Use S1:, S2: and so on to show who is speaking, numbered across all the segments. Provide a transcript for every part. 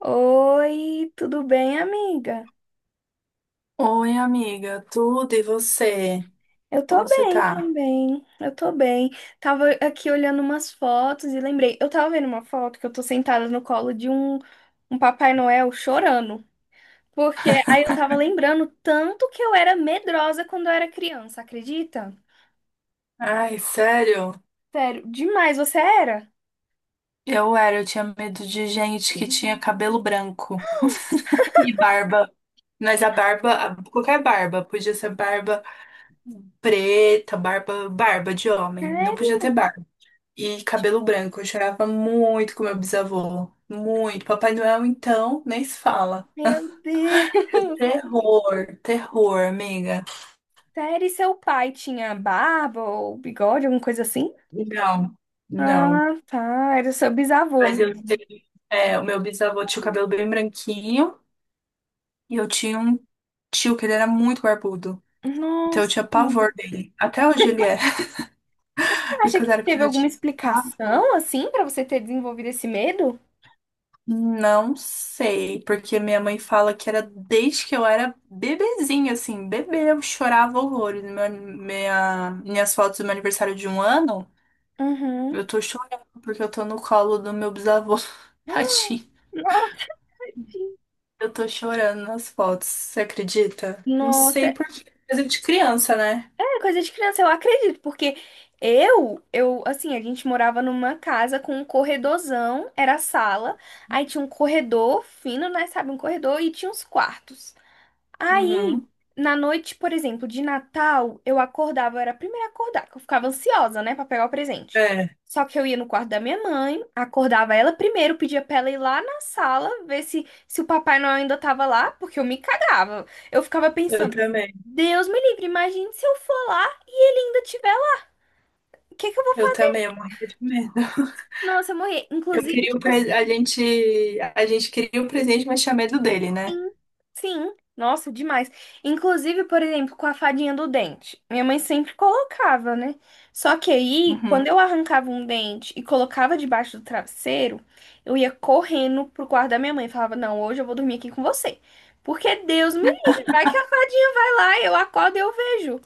S1: Oi, tudo bem, amiga?
S2: Oi, amiga, tudo e você?
S1: Eu
S2: Como
S1: tô
S2: você
S1: bem
S2: tá?
S1: também. Eu tô bem. Tava aqui olhando umas fotos e lembrei. Eu tava vendo uma foto que eu tô sentada no colo de um Papai Noel chorando. Porque aí eu tava lembrando tanto que eu era medrosa quando eu era criança, acredita?
S2: Ai, sério?
S1: Sério, demais, você era?
S2: Eu era, eu tinha medo de gente que tinha cabelo branco e barba. Mas a barba, qualquer barba, podia ser barba preta, barba de homem, não podia ter
S1: Sério?
S2: barba. E cabelo branco, eu chorava muito com meu bisavô, muito. Papai Noel, então, nem se fala.
S1: Meu Deus.
S2: Terror, terror, amiga.
S1: Sério, e seu pai tinha barba ou bigode, alguma coisa assim?
S2: Não, não.
S1: Ah, tá. Era seu bisavô.
S2: Mas eu tenho, o meu bisavô tinha o cabelo bem branquinho e eu tinha um tio que ele era muito barbudo. Então eu
S1: Nossa.
S2: tinha pavor dele. Até hoje ele é. E
S1: Você acha
S2: quando
S1: que
S2: eu era
S1: teve
S2: pequena eu
S1: alguma
S2: tinha pavor.
S1: explicação, assim, pra você ter desenvolvido esse medo?
S2: Não sei, porque minha mãe fala que era desde que eu era bebezinha, assim, bebê, eu chorava horrores. Minha, minhas fotos do meu aniversário de um ano,
S1: Uhum.
S2: eu tô chorando porque eu tô no colo do meu bisavô. Tadinho.
S1: Nossa.
S2: Eu tô chorando nas fotos, você acredita? Não sei
S1: Nossa,
S2: por quê. Coisa de criança, né?
S1: é coisa de criança, eu acredito, porque eu, assim, a gente morava numa casa com um corredorzão, era a sala, aí tinha um corredor fino, né, sabe, um corredor e tinha uns quartos. Aí,
S2: Uhum.
S1: na noite, por exemplo, de Natal, eu acordava, eu era a primeira a acordar, que eu ficava ansiosa, né, pra pegar o presente.
S2: É,
S1: Só que eu ia no quarto da minha mãe, acordava ela primeiro, pedia pra ela ir lá na sala, ver se o Papai Noel ainda tava lá, porque eu me cagava. Eu ficava
S2: eu
S1: pensando,
S2: também.
S1: Deus me livre, imagine se eu for lá, ele ainda tiver lá, o que que eu vou
S2: Eu
S1: fazer?
S2: também, eu morria de medo.
S1: Nossa, eu morri.
S2: Eu
S1: Inclusive,
S2: queria o
S1: tipo assim.
S2: a a gente queria o presente, mas tinha medo dele, né?
S1: Sim, sim. Nossa, demais. Inclusive, por exemplo, com a fadinha do dente. Minha mãe sempre colocava, né? Só que aí,
S2: Uhum.
S1: quando eu arrancava um dente e colocava debaixo do travesseiro, eu ia correndo pro quarto da minha mãe e falava: Não, hoje eu vou dormir aqui com você. Porque Deus me livre, vai que a fadinha vai lá, eu acordo e eu vejo.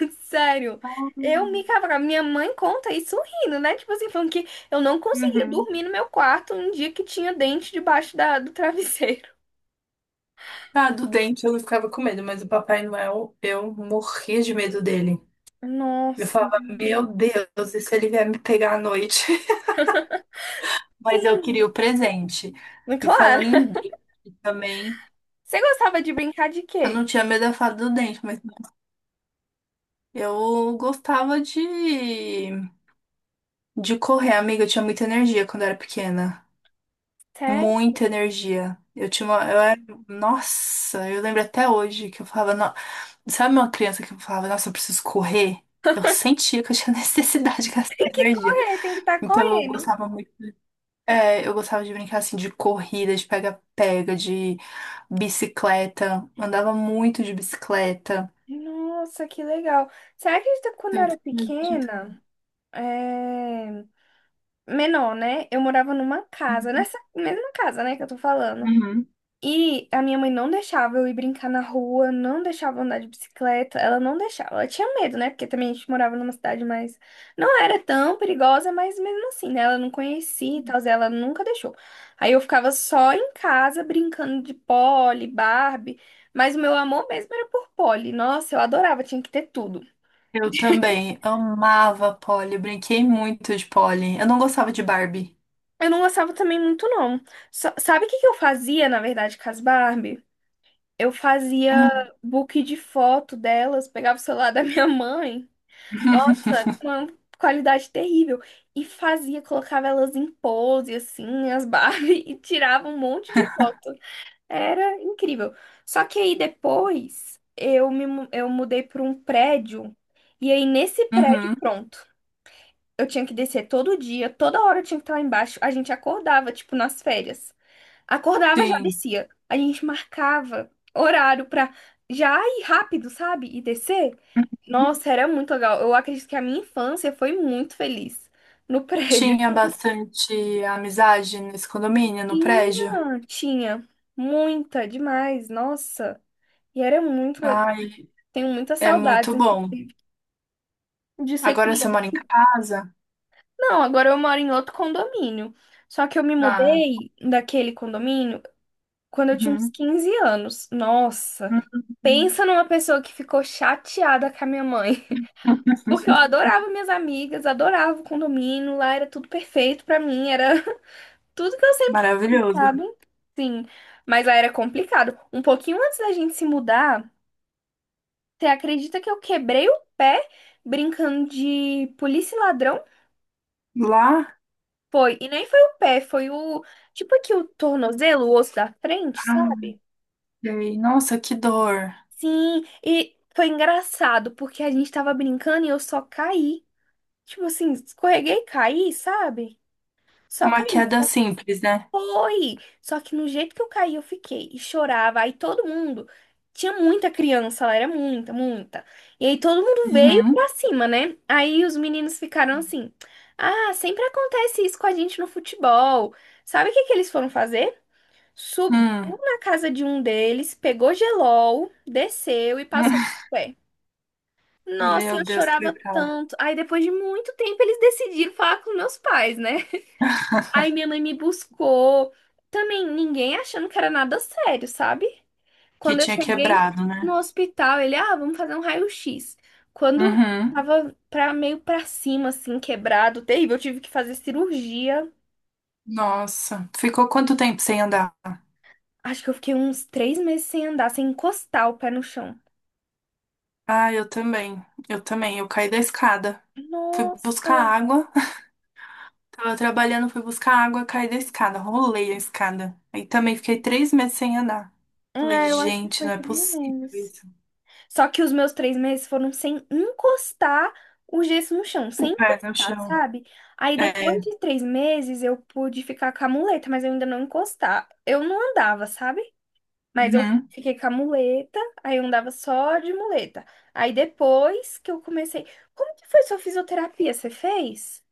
S1: Sério. Eu
S2: Ah,
S1: me cavava. Minha mãe conta isso rindo, né? Tipo assim, falando que eu não conseguia
S2: uhum.
S1: dormir no meu quarto um dia que tinha dente debaixo da, do travesseiro.
S2: Ah, do dente eu ficava com medo, mas o Papai Noel, eu morria de medo dele. Eu
S1: Nossa.
S2: falava, meu Deus, e se ele vier me pegar à noite? Mas eu queria
S1: Sim,
S2: o presente. E falando
S1: claro.
S2: em dente também.
S1: Você gostava de brincar de
S2: Eu
S1: quê?
S2: não tinha medo da fada do dente, mas eu gostava de correr, amiga. Eu tinha muita energia quando eu era pequena.
S1: Sério?
S2: Muita energia. Eu tinha uma, eu era, nossa, eu lembro até hoje que eu falava, sabe uma criança que falava, nossa, eu preciso correr? Eu sentia que eu tinha necessidade de gastar
S1: Tem que
S2: energia.
S1: correr, tem que estar
S2: Então eu
S1: correndo.
S2: gostava muito, eu gostava de brincar assim de corrida, de pega-pega, de bicicleta. Andava muito de bicicleta.
S1: Nossa, que legal. Será que isso quando eu era
S2: Sempre fui de-
S1: pequena, é, menor, né? Eu morava numa casa,
S2: tarde.
S1: nessa mesma casa, né, que eu tô falando.
S2: Uhum.
S1: E a minha mãe não deixava eu ir brincar na rua, não deixava eu andar de bicicleta, ela não deixava. Ela tinha medo, né? Porque também a gente morava numa cidade mais. Não era tão perigosa, mas mesmo assim, né? Ela não conhecia e tal, ela nunca deixou. Aí eu ficava só em casa brincando de Polly, Barbie, mas o meu amor mesmo era por Polly. Nossa, eu adorava, tinha que ter tudo.
S2: Eu também amava Polly, brinquei muito de Polly. Eu não gostava de Barbie.
S1: Eu não gostava também muito, não. Só- Sabe o que que eu fazia, na verdade, com as Barbie? Eu fazia
S2: Hum.
S1: book de foto delas, pegava o celular da minha mãe. Nossa, com uma qualidade terrível. E fazia, colocava elas em pose, assim, as Barbie, e tirava um monte de foto. Era incrível. Só que aí depois eu eu mudei para um prédio, e aí nesse prédio,
S2: Uhum,
S1: pronto. Eu tinha que descer todo dia, toda hora eu tinha que estar lá embaixo. A gente acordava, tipo, nas férias. Acordava, já
S2: sim.
S1: descia. A gente marcava horário pra já ir rápido, sabe? E descer. Nossa, era muito legal. Eu acredito que a minha infância foi muito feliz no prédio.
S2: Tinha bastante amizade nesse condomínio, no prédio.
S1: Tinha muita, demais, nossa. E era muito legal.
S2: Ai,
S1: Tenho muitas
S2: é
S1: saudades
S2: muito bom.
S1: de ser
S2: Agora você mora em
S1: criança.
S2: casa?
S1: Não, agora eu moro em outro condomínio. Só que eu me
S2: Ah,
S1: mudei daquele condomínio quando eu tinha uns
S2: uhum.
S1: 15 anos. Nossa, pensa numa pessoa que ficou chateada com a minha mãe.
S2: Uhum.
S1: Porque eu adorava minhas amigas, adorava o condomínio, lá era tudo perfeito pra mim, era tudo que eu sempre quis,
S2: Maravilhoso.
S1: sabe? Sim, mas lá era complicado. Um pouquinho antes da gente se mudar, você acredita que eu quebrei o pé brincando de polícia e ladrão?
S2: Lá?
S1: Foi, e nem foi o pé, foi o, tipo aqui o tornozelo, o osso da frente,
S2: Ah,
S1: sabe?
S2: sei. Nossa, que dor.
S1: Sim, e foi engraçado, porque a gente tava brincando e eu só caí. Tipo assim, escorreguei e caí, sabe? Só
S2: Uma
S1: caí.
S2: queda simples, né?
S1: Foi! Só que no jeito que eu caí, eu fiquei e chorava. Aí todo mundo. Tinha muita criança lá, era muita, muita. E aí todo mundo veio
S2: Uhum.
S1: pra cima, né? Aí os meninos ficaram assim: Ah, sempre acontece isso com a gente no futebol. Sabe o que que eles foram fazer? Subiu
S2: Hum.
S1: na casa de um deles, pegou gelol, desceu e passou no pé. Nossa,
S2: Meu
S1: eu
S2: Deus,
S1: chorava
S2: coitado.
S1: tanto. Aí depois de muito tempo eles decidiram falar com meus pais, né? Aí minha mãe me buscou. Também ninguém achando que era nada sério, sabe?
S2: Que
S1: Quando eu
S2: tinha
S1: cheguei
S2: quebrado,
S1: no
S2: né?
S1: hospital, ele, ah, vamos fazer um raio-x. Quando
S2: Uhum.
S1: tava pra, meio pra cima, assim, quebrado, terrível, eu tive que fazer cirurgia.
S2: Nossa. Ficou quanto tempo sem andar?
S1: Acho que eu fiquei uns 3 meses sem andar, sem encostar o pé no chão.
S2: Ah, eu também. Eu também. Eu caí da escada. Fui buscar
S1: Nossa!
S2: água. Tava trabalhando, fui buscar água, caí da escada. Rolei a escada. Aí também fiquei 3 meses sem andar. Falei,
S1: É, eu acho que
S2: gente,
S1: foi
S2: não é
S1: três
S2: possível
S1: meses.
S2: isso.
S1: Só que os meus 3 meses foram sem encostar o gesso no chão,
S2: O
S1: sem
S2: pé no
S1: encostar,
S2: chão.
S1: sabe? Aí depois
S2: É.
S1: de 3 meses eu pude ficar com a muleta, mas eu ainda não encostar. Eu não andava, sabe? Mas eu
S2: Uhum.
S1: fiquei com a muleta, aí eu andava só de muleta. Aí depois que eu comecei. Como que foi sua fisioterapia? Você fez?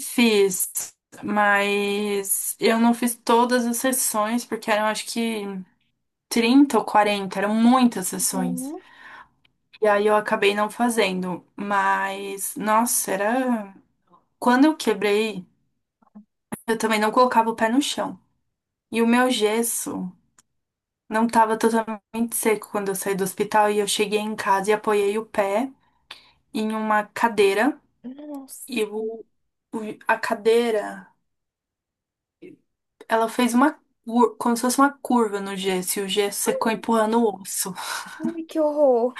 S2: Fiz. Mas eu não fiz todas as sessões, porque eram acho que 30 ou 40, eram muitas sessões.
S1: Uhum.
S2: E aí eu acabei não fazendo. Mas, nossa, era. Quando eu quebrei, eu também não colocava o pé no chão. E o meu gesso não estava totalmente seco quando eu saí do hospital. E eu cheguei em casa e apoiei o pé em uma cadeira.
S1: Nossa,
S2: E o, a cadeira, ela fez uma como se fosse uma curva no gesso, e o gesso secou empurrando o osso.
S1: ai, que horror.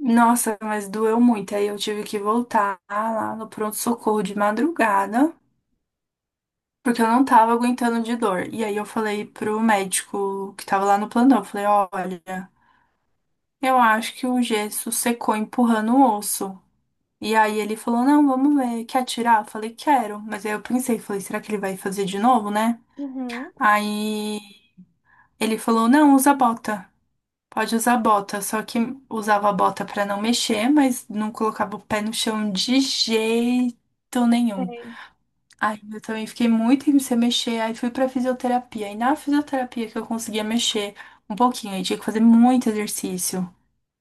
S2: Nossa, mas doeu muito. Aí eu tive que voltar lá no pronto-socorro de madrugada. Porque eu não tava aguentando de dor. E aí eu falei pro médico que tava lá no plantão, eu falei, olha, eu acho que o gesso secou empurrando o osso. E aí ele falou, não, vamos ver, quer tirar? Eu falei, quero. Mas aí eu pensei, falei, será que ele vai fazer de novo, né?
S1: Uhum.
S2: Aí ele falou, não, usa bota. Pode usar bota, só que usava a bota pra não mexer, mas não colocava o pé no chão de jeito nenhum.
S1: Sei.
S2: Ai, eu também fiquei muito tempo sem mexer, aí fui pra fisioterapia. E na fisioterapia que eu conseguia mexer um pouquinho, aí tinha que fazer muito exercício.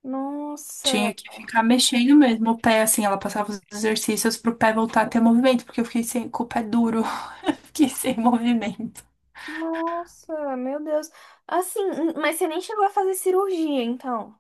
S1: Nossa.
S2: Tinha que ficar mexendo mesmo o pé, assim, ela passava os exercícios pro pé voltar a ter movimento, porque eu fiquei sem, com o pé duro, fiquei sem movimento.
S1: Nossa, meu Deus. Assim, mas você nem chegou a fazer cirurgia, então.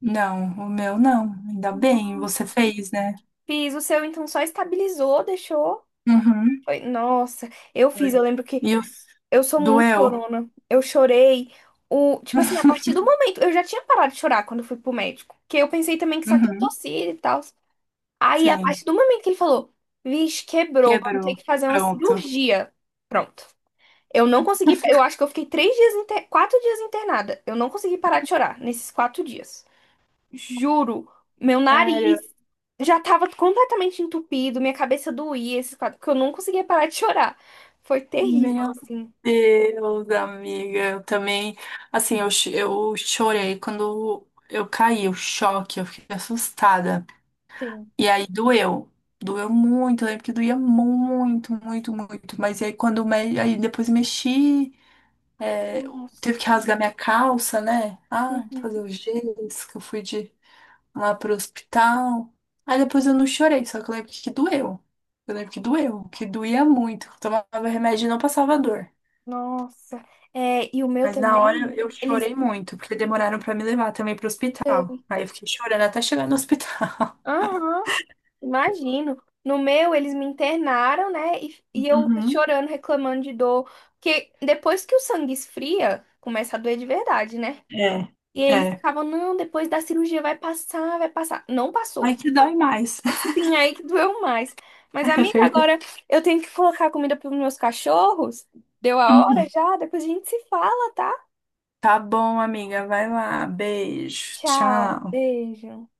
S2: Não, o meu não, ainda bem, você
S1: Nossa.
S2: fez, né?
S1: Fiz o seu, então só estabilizou, deixou.
S2: Uhum.
S1: Foi- Nossa, eu fiz,
S2: Foi.
S1: eu lembro que
S2: E eu...
S1: eu sou muito
S2: doeu?
S1: chorona. Eu chorei. O, tipo assim, a partir do momento, eu já tinha parado de chorar quando eu fui pro médico. Porque eu pensei também que só tinha
S2: Uhum.
S1: tossido e tal. Aí, a
S2: Sim,
S1: partir do momento que ele falou, vixe, quebrou, vamos ter
S2: quebrou.
S1: que fazer uma
S2: Pronto.
S1: cirurgia. Pronto. Eu não consegui. Eu acho que eu fiquei 4 dias internada. Eu não consegui parar de chorar nesses 4 dias. Juro, meu
S2: Sério?
S1: nariz já tava completamente entupido, minha cabeça doía, esses quatro, porque eu não conseguia parar de chorar. Foi terrível,
S2: Meu
S1: assim.
S2: Deus, amiga, eu também, assim, eu, eu chorei quando eu caí, o choque, eu fiquei assustada.
S1: Sim.
S2: E aí doeu, doeu muito, eu lembro que doía muito, muito, muito. Mas aí quando aí depois mexi, é, teve
S1: Nossa.
S2: que rasgar minha calça, né? Ah, fazer
S1: Uhum.
S2: o gesso, que eu fui de lá pro hospital. Aí depois eu não chorei, só que eu lembro que doeu. Eu lembro que doeu, que doía muito. Eu tomava remédio e não passava dor.
S1: Nossa. E o meu
S2: Mas na
S1: também,
S2: hora eu
S1: eles.
S2: chorei muito, porque demoraram pra me levar também pro hospital. Aí eu fiquei chorando até chegar no hospital.
S1: Aham. Imagino. No meu, eles me internaram, né? E eu
S2: Uhum.
S1: chorando, reclamando de dor. Porque depois que o sangue esfria, começa a doer de verdade, né?
S2: É,
S1: E eles
S2: é.
S1: ficavam, não, depois da cirurgia vai passar, vai passar. Não
S2: Aí
S1: passou.
S2: que dói mais.
S1: Sim, aí que doeu mais. Mas,
S2: É
S1: amiga,
S2: verdade.
S1: agora eu tenho que colocar comida para os meus cachorros. Deu a hora
S2: Uhum.
S1: já? Depois a gente se fala, tá?
S2: Tá bom, amiga. Vai lá. Beijo.
S1: Tchau,
S2: Tchau.
S1: beijo.